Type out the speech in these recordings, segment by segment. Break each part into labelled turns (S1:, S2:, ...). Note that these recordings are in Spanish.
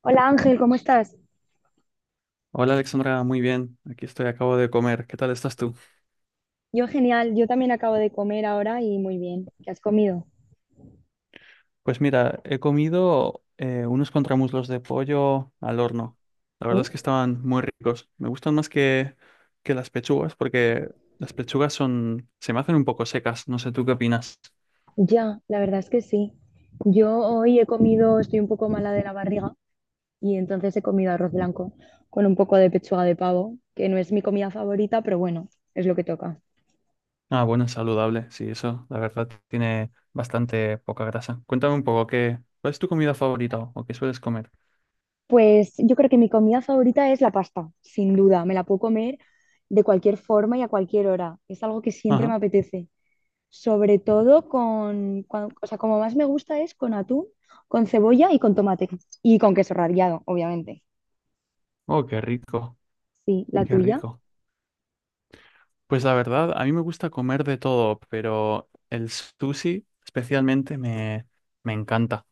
S1: Hola Ángel, ¿cómo estás?
S2: Hola Alexandra, muy bien. Aquí estoy, acabo de comer. ¿Qué tal estás tú?
S1: Yo genial, yo también acabo de comer ahora y muy bien. ¿Qué has comido?
S2: Pues mira, he comido unos contramuslos de pollo al horno. La verdad es que
S1: ¿Tú?
S2: estaban muy ricos. Me gustan más que las pechugas porque las pechugas son, se me hacen un poco secas. No sé tú qué opinas.
S1: Ya, la verdad es que sí. Yo hoy he comido, estoy un poco mala de la barriga y entonces he comido arroz blanco con un poco de pechuga de pavo, que no es mi comida favorita, pero bueno, es lo que toca.
S2: Ah, bueno, es saludable. Sí, eso, la verdad, tiene bastante poca grasa. Cuéntame un poco, ¿ cuál es tu comida favorita o qué sueles comer?
S1: Pues yo creo que mi comida favorita es la pasta, sin duda. Me la puedo comer de cualquier forma y a cualquier hora. Es algo que siempre me
S2: Ajá.
S1: apetece. Sobre todo con, o sea, como más me gusta es con atún, con cebolla y con tomate. Y con queso rallado, obviamente.
S2: Oh, qué rico,
S1: Sí, la
S2: qué
S1: tuya.
S2: rico. Pues la verdad, a mí me gusta comer de todo, pero el sushi especialmente me encanta.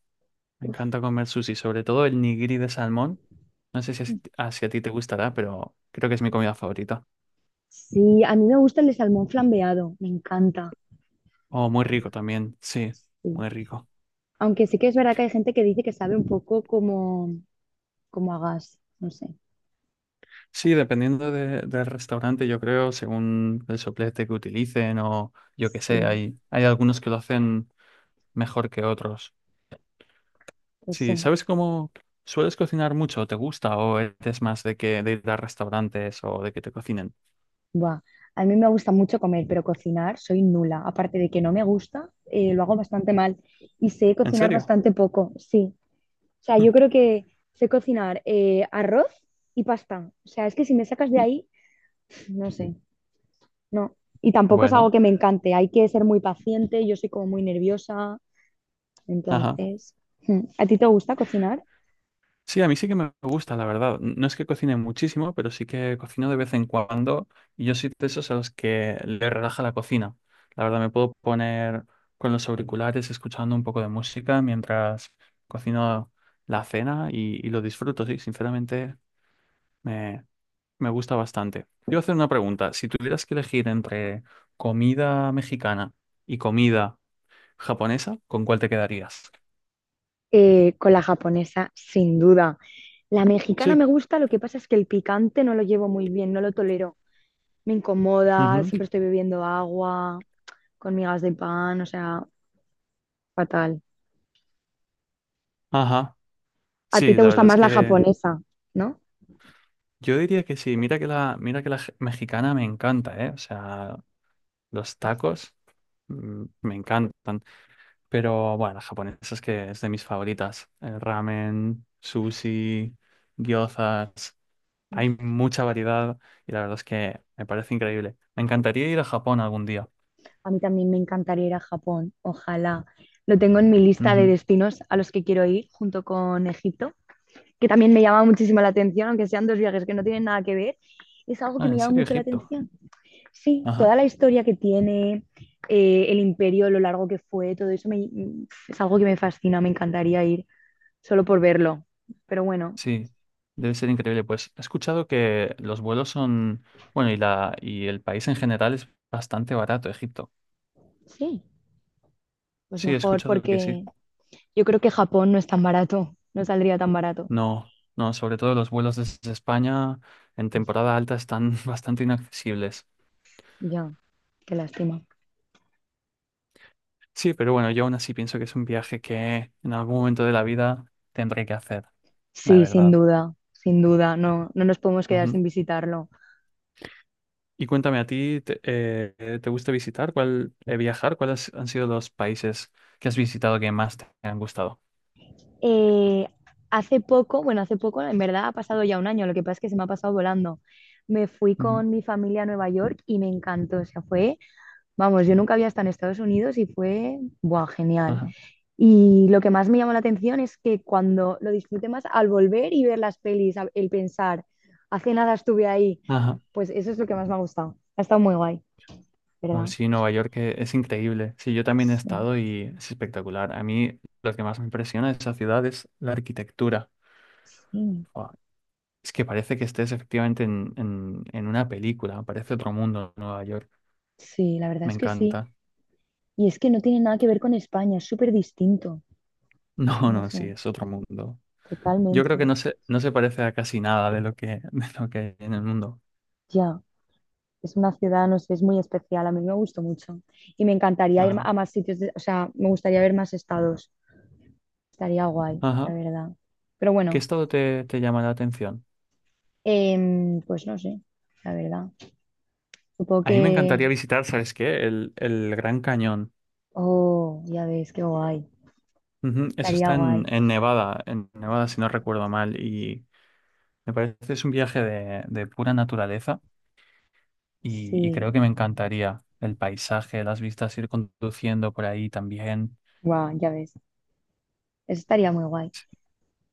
S2: Me encanta comer sushi, sobre todo el nigiri de salmón. No sé si si a ti te gustará, pero creo que es mi comida favorita.
S1: Sí, a mí me gusta el de salmón flambeado, me encanta.
S2: Oh, muy rico también, sí,
S1: Sí.
S2: muy rico.
S1: Aunque sí que es verdad que hay gente que dice que sabe un poco como, como a gas, no sé.
S2: Sí, dependiendo del restaurante, yo creo, según el soplete que utilicen o yo qué
S1: Sí,
S2: sé, hay algunos que lo hacen mejor que otros.
S1: pues
S2: Sí,
S1: sí.
S2: ¿sabes cómo sueles cocinar mucho? ¿Te gusta? ¿O eres más de que de ir a restaurantes o de que te cocinen?
S1: Buah. A mí me gusta mucho comer, pero cocinar soy nula. Aparte de que no me gusta, lo hago bastante mal y sé
S2: ¿En
S1: cocinar
S2: serio?
S1: bastante poco, sí. O sea, yo creo que sé cocinar arroz y pasta. O sea, es que si me sacas de ahí, no sé, no. Y tampoco es algo
S2: Bueno,
S1: que me encante. Hay que ser muy paciente, yo soy como muy nerviosa.
S2: ajá.
S1: Entonces, mm. ¿a ti te gusta cocinar?
S2: Sí, a mí sí que me gusta, la verdad. No es que cocine muchísimo, pero sí que cocino de vez en cuando y yo soy de esos a los que le relaja la cocina. La verdad, me puedo poner con los auriculares escuchando un poco de música mientras cocino la cena y lo disfruto, sí, sinceramente me me gusta bastante. Te iba a hacer una pregunta. Si tuvieras que elegir entre comida mexicana y comida japonesa, ¿con cuál te quedarías?
S1: Con la japonesa, sin duda. La mexicana
S2: Sí.
S1: me gusta, lo que pasa es que el picante no lo llevo muy bien, no lo tolero. Me incomoda,
S2: Ujú.
S1: siempre estoy bebiendo agua con migas de pan, o sea, fatal.
S2: Ajá.
S1: A ti
S2: Sí,
S1: te
S2: la
S1: gusta
S2: verdad es
S1: más la
S2: que
S1: japonesa, ¿no?
S2: yo diría que sí. Mira que la mexicana me encanta, ¿eh? O sea, los tacos me encantan. Pero bueno, la japonesa es que es de mis favoritas. El ramen, sushi, gyozas. Hay mucha variedad y la verdad es que me parece increíble. Me encantaría ir a Japón algún día.
S1: A mí también me encantaría ir a Japón, ojalá. Lo tengo en mi lista de
S2: Ujú.
S1: destinos a los que quiero ir, junto con Egipto, que también me llama muchísimo la atención, aunque sean dos viajes que no tienen nada que ver, es algo que
S2: Ah,
S1: me
S2: ¿en
S1: llama
S2: serio,
S1: mucho la
S2: Egipto?
S1: atención. Sí,
S2: Ajá,
S1: toda la historia que tiene, el imperio, lo largo que fue, todo eso es algo que me fascina, me encantaría ir solo por verlo. Pero bueno,
S2: sí. Debe ser increíble. Pues he escuchado que los vuelos son, bueno, y la y el país en general es bastante barato, Egipto.
S1: sí, pues
S2: Sí, he
S1: mejor,
S2: escuchado que sí.
S1: porque yo creo que Japón no es tan barato, no saldría tan barato.
S2: No, no, sobre todo los vuelos desde España en temporada alta están bastante inaccesibles.
S1: Ya, qué lástima.
S2: Sí, pero bueno, yo aún así pienso que es un viaje que en algún momento de la vida tendré que hacer, la
S1: Sí, sin
S2: verdad.
S1: duda, sin duda, no, no nos podemos quedar sin
S2: Ujú.
S1: visitarlo.
S2: Y cuéntame, ¿ te gusta visitar? ¿ viajar? ¿Cuáles han sido los países que has visitado que más te han gustado?
S1: Eh, hace poco, bueno, hace poco, en verdad ha pasado ya un año, lo que pasa es que se me ha pasado volando. Me fui
S2: Ujú.
S1: con mi familia a Nueva York y me encantó, o sea, fue, vamos, yo nunca había estado en Estados Unidos y fue, buah, genial.
S2: Ajá.
S1: Y lo que más me llamó la atención es que cuando lo disfruté más al volver y ver las pelis, el pensar, hace nada estuve ahí,
S2: Ajá.
S1: pues eso es lo que más me ha gustado. Ha estado muy guay,
S2: Oh,
S1: ¿verdad?
S2: sí, Nueva York es increíble. Sí, yo también he
S1: Sí,
S2: estado y es espectacular. A mí lo que más me impresiona de esa ciudad es la arquitectura.
S1: sí.
S2: Buah, es que parece que estés efectivamente en una película. Parece otro mundo Nueva York.
S1: Sí, la verdad
S2: Me
S1: es que sí.
S2: encanta.
S1: Y es que no tiene nada que ver con España, es súper distinto.
S2: No,
S1: No
S2: no,
S1: sé,
S2: sí, es otro mundo. Yo creo que
S1: totalmente.
S2: no se parece a casi nada de lo que, de lo que hay en el mundo.
S1: Ya, es una ciudad, no sé, es muy especial. A mí me gustó mucho. Y me encantaría ir
S2: Ajá.
S1: a más sitios, o sea, me gustaría ver más estados. Estaría guay, la
S2: Ajá.
S1: verdad. Pero
S2: ¿Qué
S1: bueno,
S2: estado te llama la atención?
S1: pues no sé, la verdad. Supongo
S2: A mí me
S1: que...
S2: encantaría visitar, ¿sabes qué? El Gran Cañón.
S1: Oh, ya ves, qué guay.
S2: Ujú, eso
S1: Estaría
S2: está
S1: guay.
S2: en Nevada, si no recuerdo mal. Y me parece que es un viaje de pura naturaleza y
S1: Sí,
S2: creo que me encantaría el paisaje, las vistas, ir conduciendo por ahí también.
S1: guau, ya ves. Eso estaría muy guay.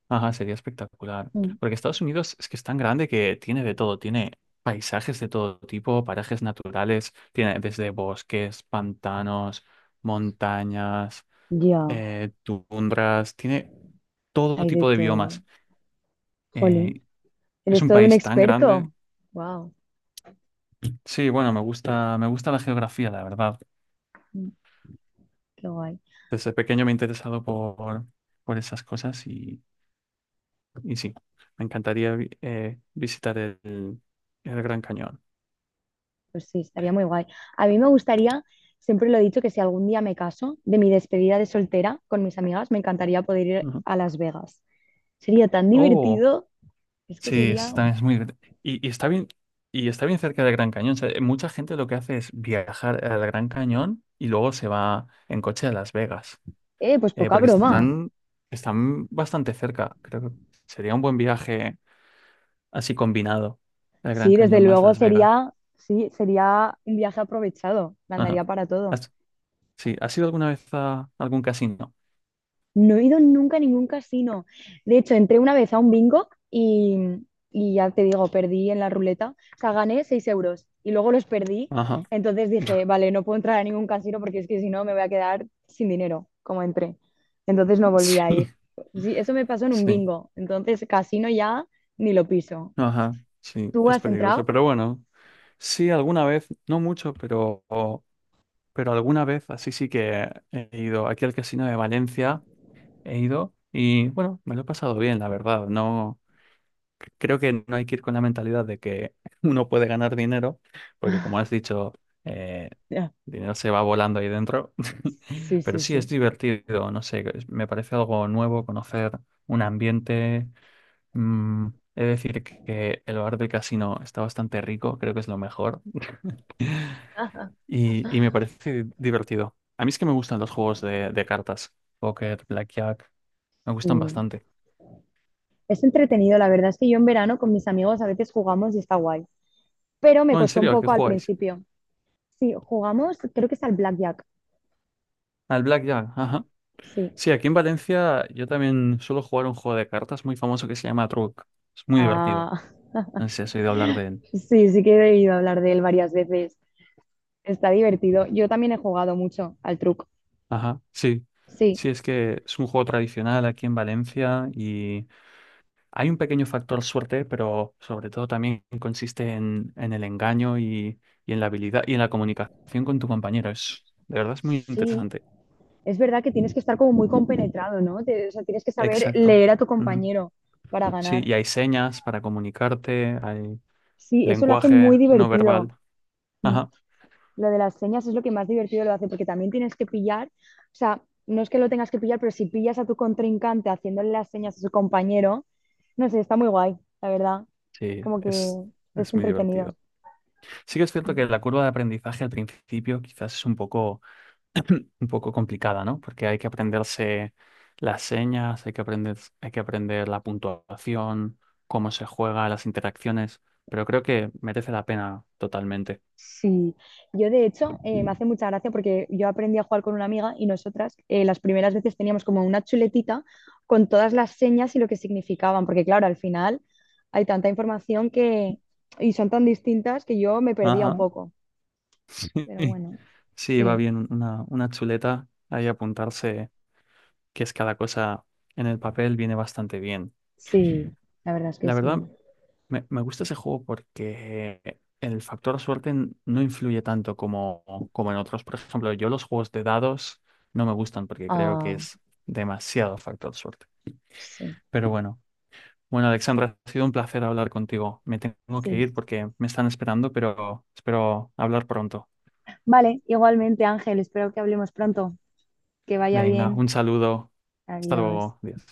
S2: Ajá, sería espectacular.
S1: Mm.
S2: Porque Estados Unidos es que es tan grande que tiene de todo, tiene paisajes de todo tipo, parajes naturales, tiene desde bosques, pantanos, montañas.
S1: Ya,
S2: Tundras, tiene todo
S1: hay de
S2: tipo de biomas.
S1: todo. Jolín.
S2: Eh, es
S1: Eres
S2: un
S1: todo un
S2: país tan grande.
S1: experto. Wow,
S2: Sí, bueno, me gusta la geografía, la verdad.
S1: qué guay.
S2: Desde pequeño me he interesado por esas cosas y sí, me encantaría visitar el Gran Cañón.
S1: Pues sí, estaría muy guay. A mí me gustaría, siempre lo he dicho, que si algún día me caso, de mi despedida de soltera con mis amigas, me encantaría poder ir
S2: Ujú.
S1: a Las Vegas. Sería tan
S2: Oh,
S1: divertido, es que
S2: sí,
S1: sería,
S2: es, también es muy... y, y está bien cerca del Gran Cañón. O sea, mucha gente lo que hace es viajar al Gran Cañón y luego se va en coche a Las Vegas.
S1: pues
S2: eh,
S1: poca
S2: porque
S1: broma.
S2: están, están bastante cerca. Creo que sería un buen viaje así combinado, el Gran
S1: Sí, desde
S2: Cañón más
S1: luego
S2: Las Vegas.
S1: sería, sí, sería un viaje aprovechado, me
S2: Ajá.
S1: andaría para todo.
S2: ¿Has, sí, ¿Has ido alguna vez a algún casino?
S1: No he ido nunca a ningún casino. De hecho, entré una vez a un bingo y ya te digo, perdí en la ruleta. O sea, gané 6 euros y luego los perdí.
S2: Ajá.
S1: Entonces dije, vale, no puedo entrar a ningún casino porque es que si no me voy a quedar sin dinero, como entré. Entonces no volví
S2: Sí,
S1: a ir. Sí, eso me pasó en un
S2: sí.
S1: bingo. Entonces, casino ya ni lo piso.
S2: Ajá. Sí,
S1: ¿Tú
S2: es
S1: has
S2: peligroso.
S1: entrado?
S2: Pero bueno, sí, alguna vez, no mucho, pero alguna vez así sí que he ido aquí al casino de Valencia, he ido y bueno, me lo he pasado bien, la verdad. No. Creo que no hay que ir con la mentalidad de que uno puede ganar dinero, porque como has dicho, eh,
S1: Ya.
S2: el dinero se va volando ahí dentro.
S1: Sí,
S2: Pero
S1: sí,
S2: sí
S1: sí.
S2: es divertido, no sé, me parece algo nuevo conocer un ambiente. mm, He de decir que el bar del casino está bastante rico, creo que es lo mejor,
S1: Ajá.
S2: y me parece divertido. A mí es que me gustan los juegos de cartas, póker, blackjack, me
S1: Sí.
S2: gustan bastante.
S1: Es entretenido, la verdad es que yo en verano con mis amigos a veces jugamos y está guay. Pero me
S2: No, en
S1: costó un
S2: serio, ¿a qué
S1: poco al
S2: jugáis?
S1: principio. Sí, jugamos, creo que es al Blackjack.
S2: Al blackjack, ajá.
S1: Sí.
S2: Sí, aquí en Valencia yo también suelo jugar un juego de cartas muy famoso que se llama Truc. Es muy divertido.
S1: Ah,
S2: No sé si has oído hablar de él.
S1: sí, sí que he debido hablar de él varias veces. Está divertido. Yo también he jugado mucho al truco.
S2: Ajá, sí.
S1: Sí,
S2: Sí, es que es un juego tradicional aquí en Valencia y hay un pequeño factor suerte, pero sobre todo también consiste en el engaño y en la habilidad y en la comunicación con tu compañero. Es, de verdad es muy
S1: sí.
S2: interesante.
S1: Es verdad que tienes que estar como muy compenetrado, ¿no? O sea, tienes que saber
S2: Exacto.
S1: leer a tu
S2: Ujú.
S1: compañero para
S2: Sí,
S1: ganar.
S2: y hay señas para comunicarte, hay
S1: Sí, eso lo hace muy
S2: lenguaje no
S1: divertido.
S2: verbal.
S1: Mm.
S2: Ajá.
S1: Lo de las señas es lo que más divertido lo hace, porque también tienes que pillar, o sea, no es que lo tengas que pillar, pero si pillas a tu contrincante haciéndole las señas a su compañero, no sé, está muy guay, la verdad.
S2: Sí,
S1: Como
S2: es,
S1: que es
S2: es muy divertido.
S1: entretenido.
S2: Sí que es cierto que la curva de aprendizaje al principio quizás es un poco, un poco complicada, ¿no? Porque hay que aprenderse las señas, hay que aprender la puntuación, cómo se juega, las interacciones, pero creo que merece la pena totalmente.
S1: Sí, yo de hecho me hace mucha gracia porque yo aprendí a jugar con una amiga y nosotras las primeras veces teníamos como una chuletita con todas las señas y lo que significaban, porque claro, al final hay tanta información que y son tan distintas que yo me perdía un
S2: Ajá.
S1: poco, pero
S2: Sí,
S1: bueno,
S2: sí, va
S1: sí.
S2: bien una chuleta ahí apuntarse qué es cada cosa en el papel, viene bastante bien.
S1: Sí, la verdad es que
S2: La verdad,
S1: sí.
S2: Me gusta ese juego porque el factor suerte no influye tanto como, como en otros. Por ejemplo, yo los juegos de dados no me gustan porque creo que
S1: Ah,
S2: es demasiado factor suerte.
S1: sí,
S2: Pero bueno, Alexandra, ha sido un placer hablar contigo. Me tengo que
S1: sí.
S2: ir porque me están esperando, pero espero hablar pronto.
S1: Vale, igualmente, Ángel, espero que hablemos pronto. Que vaya
S2: Venga,
S1: bien.
S2: un saludo. Hasta
S1: Adiós.
S2: luego. Adiós.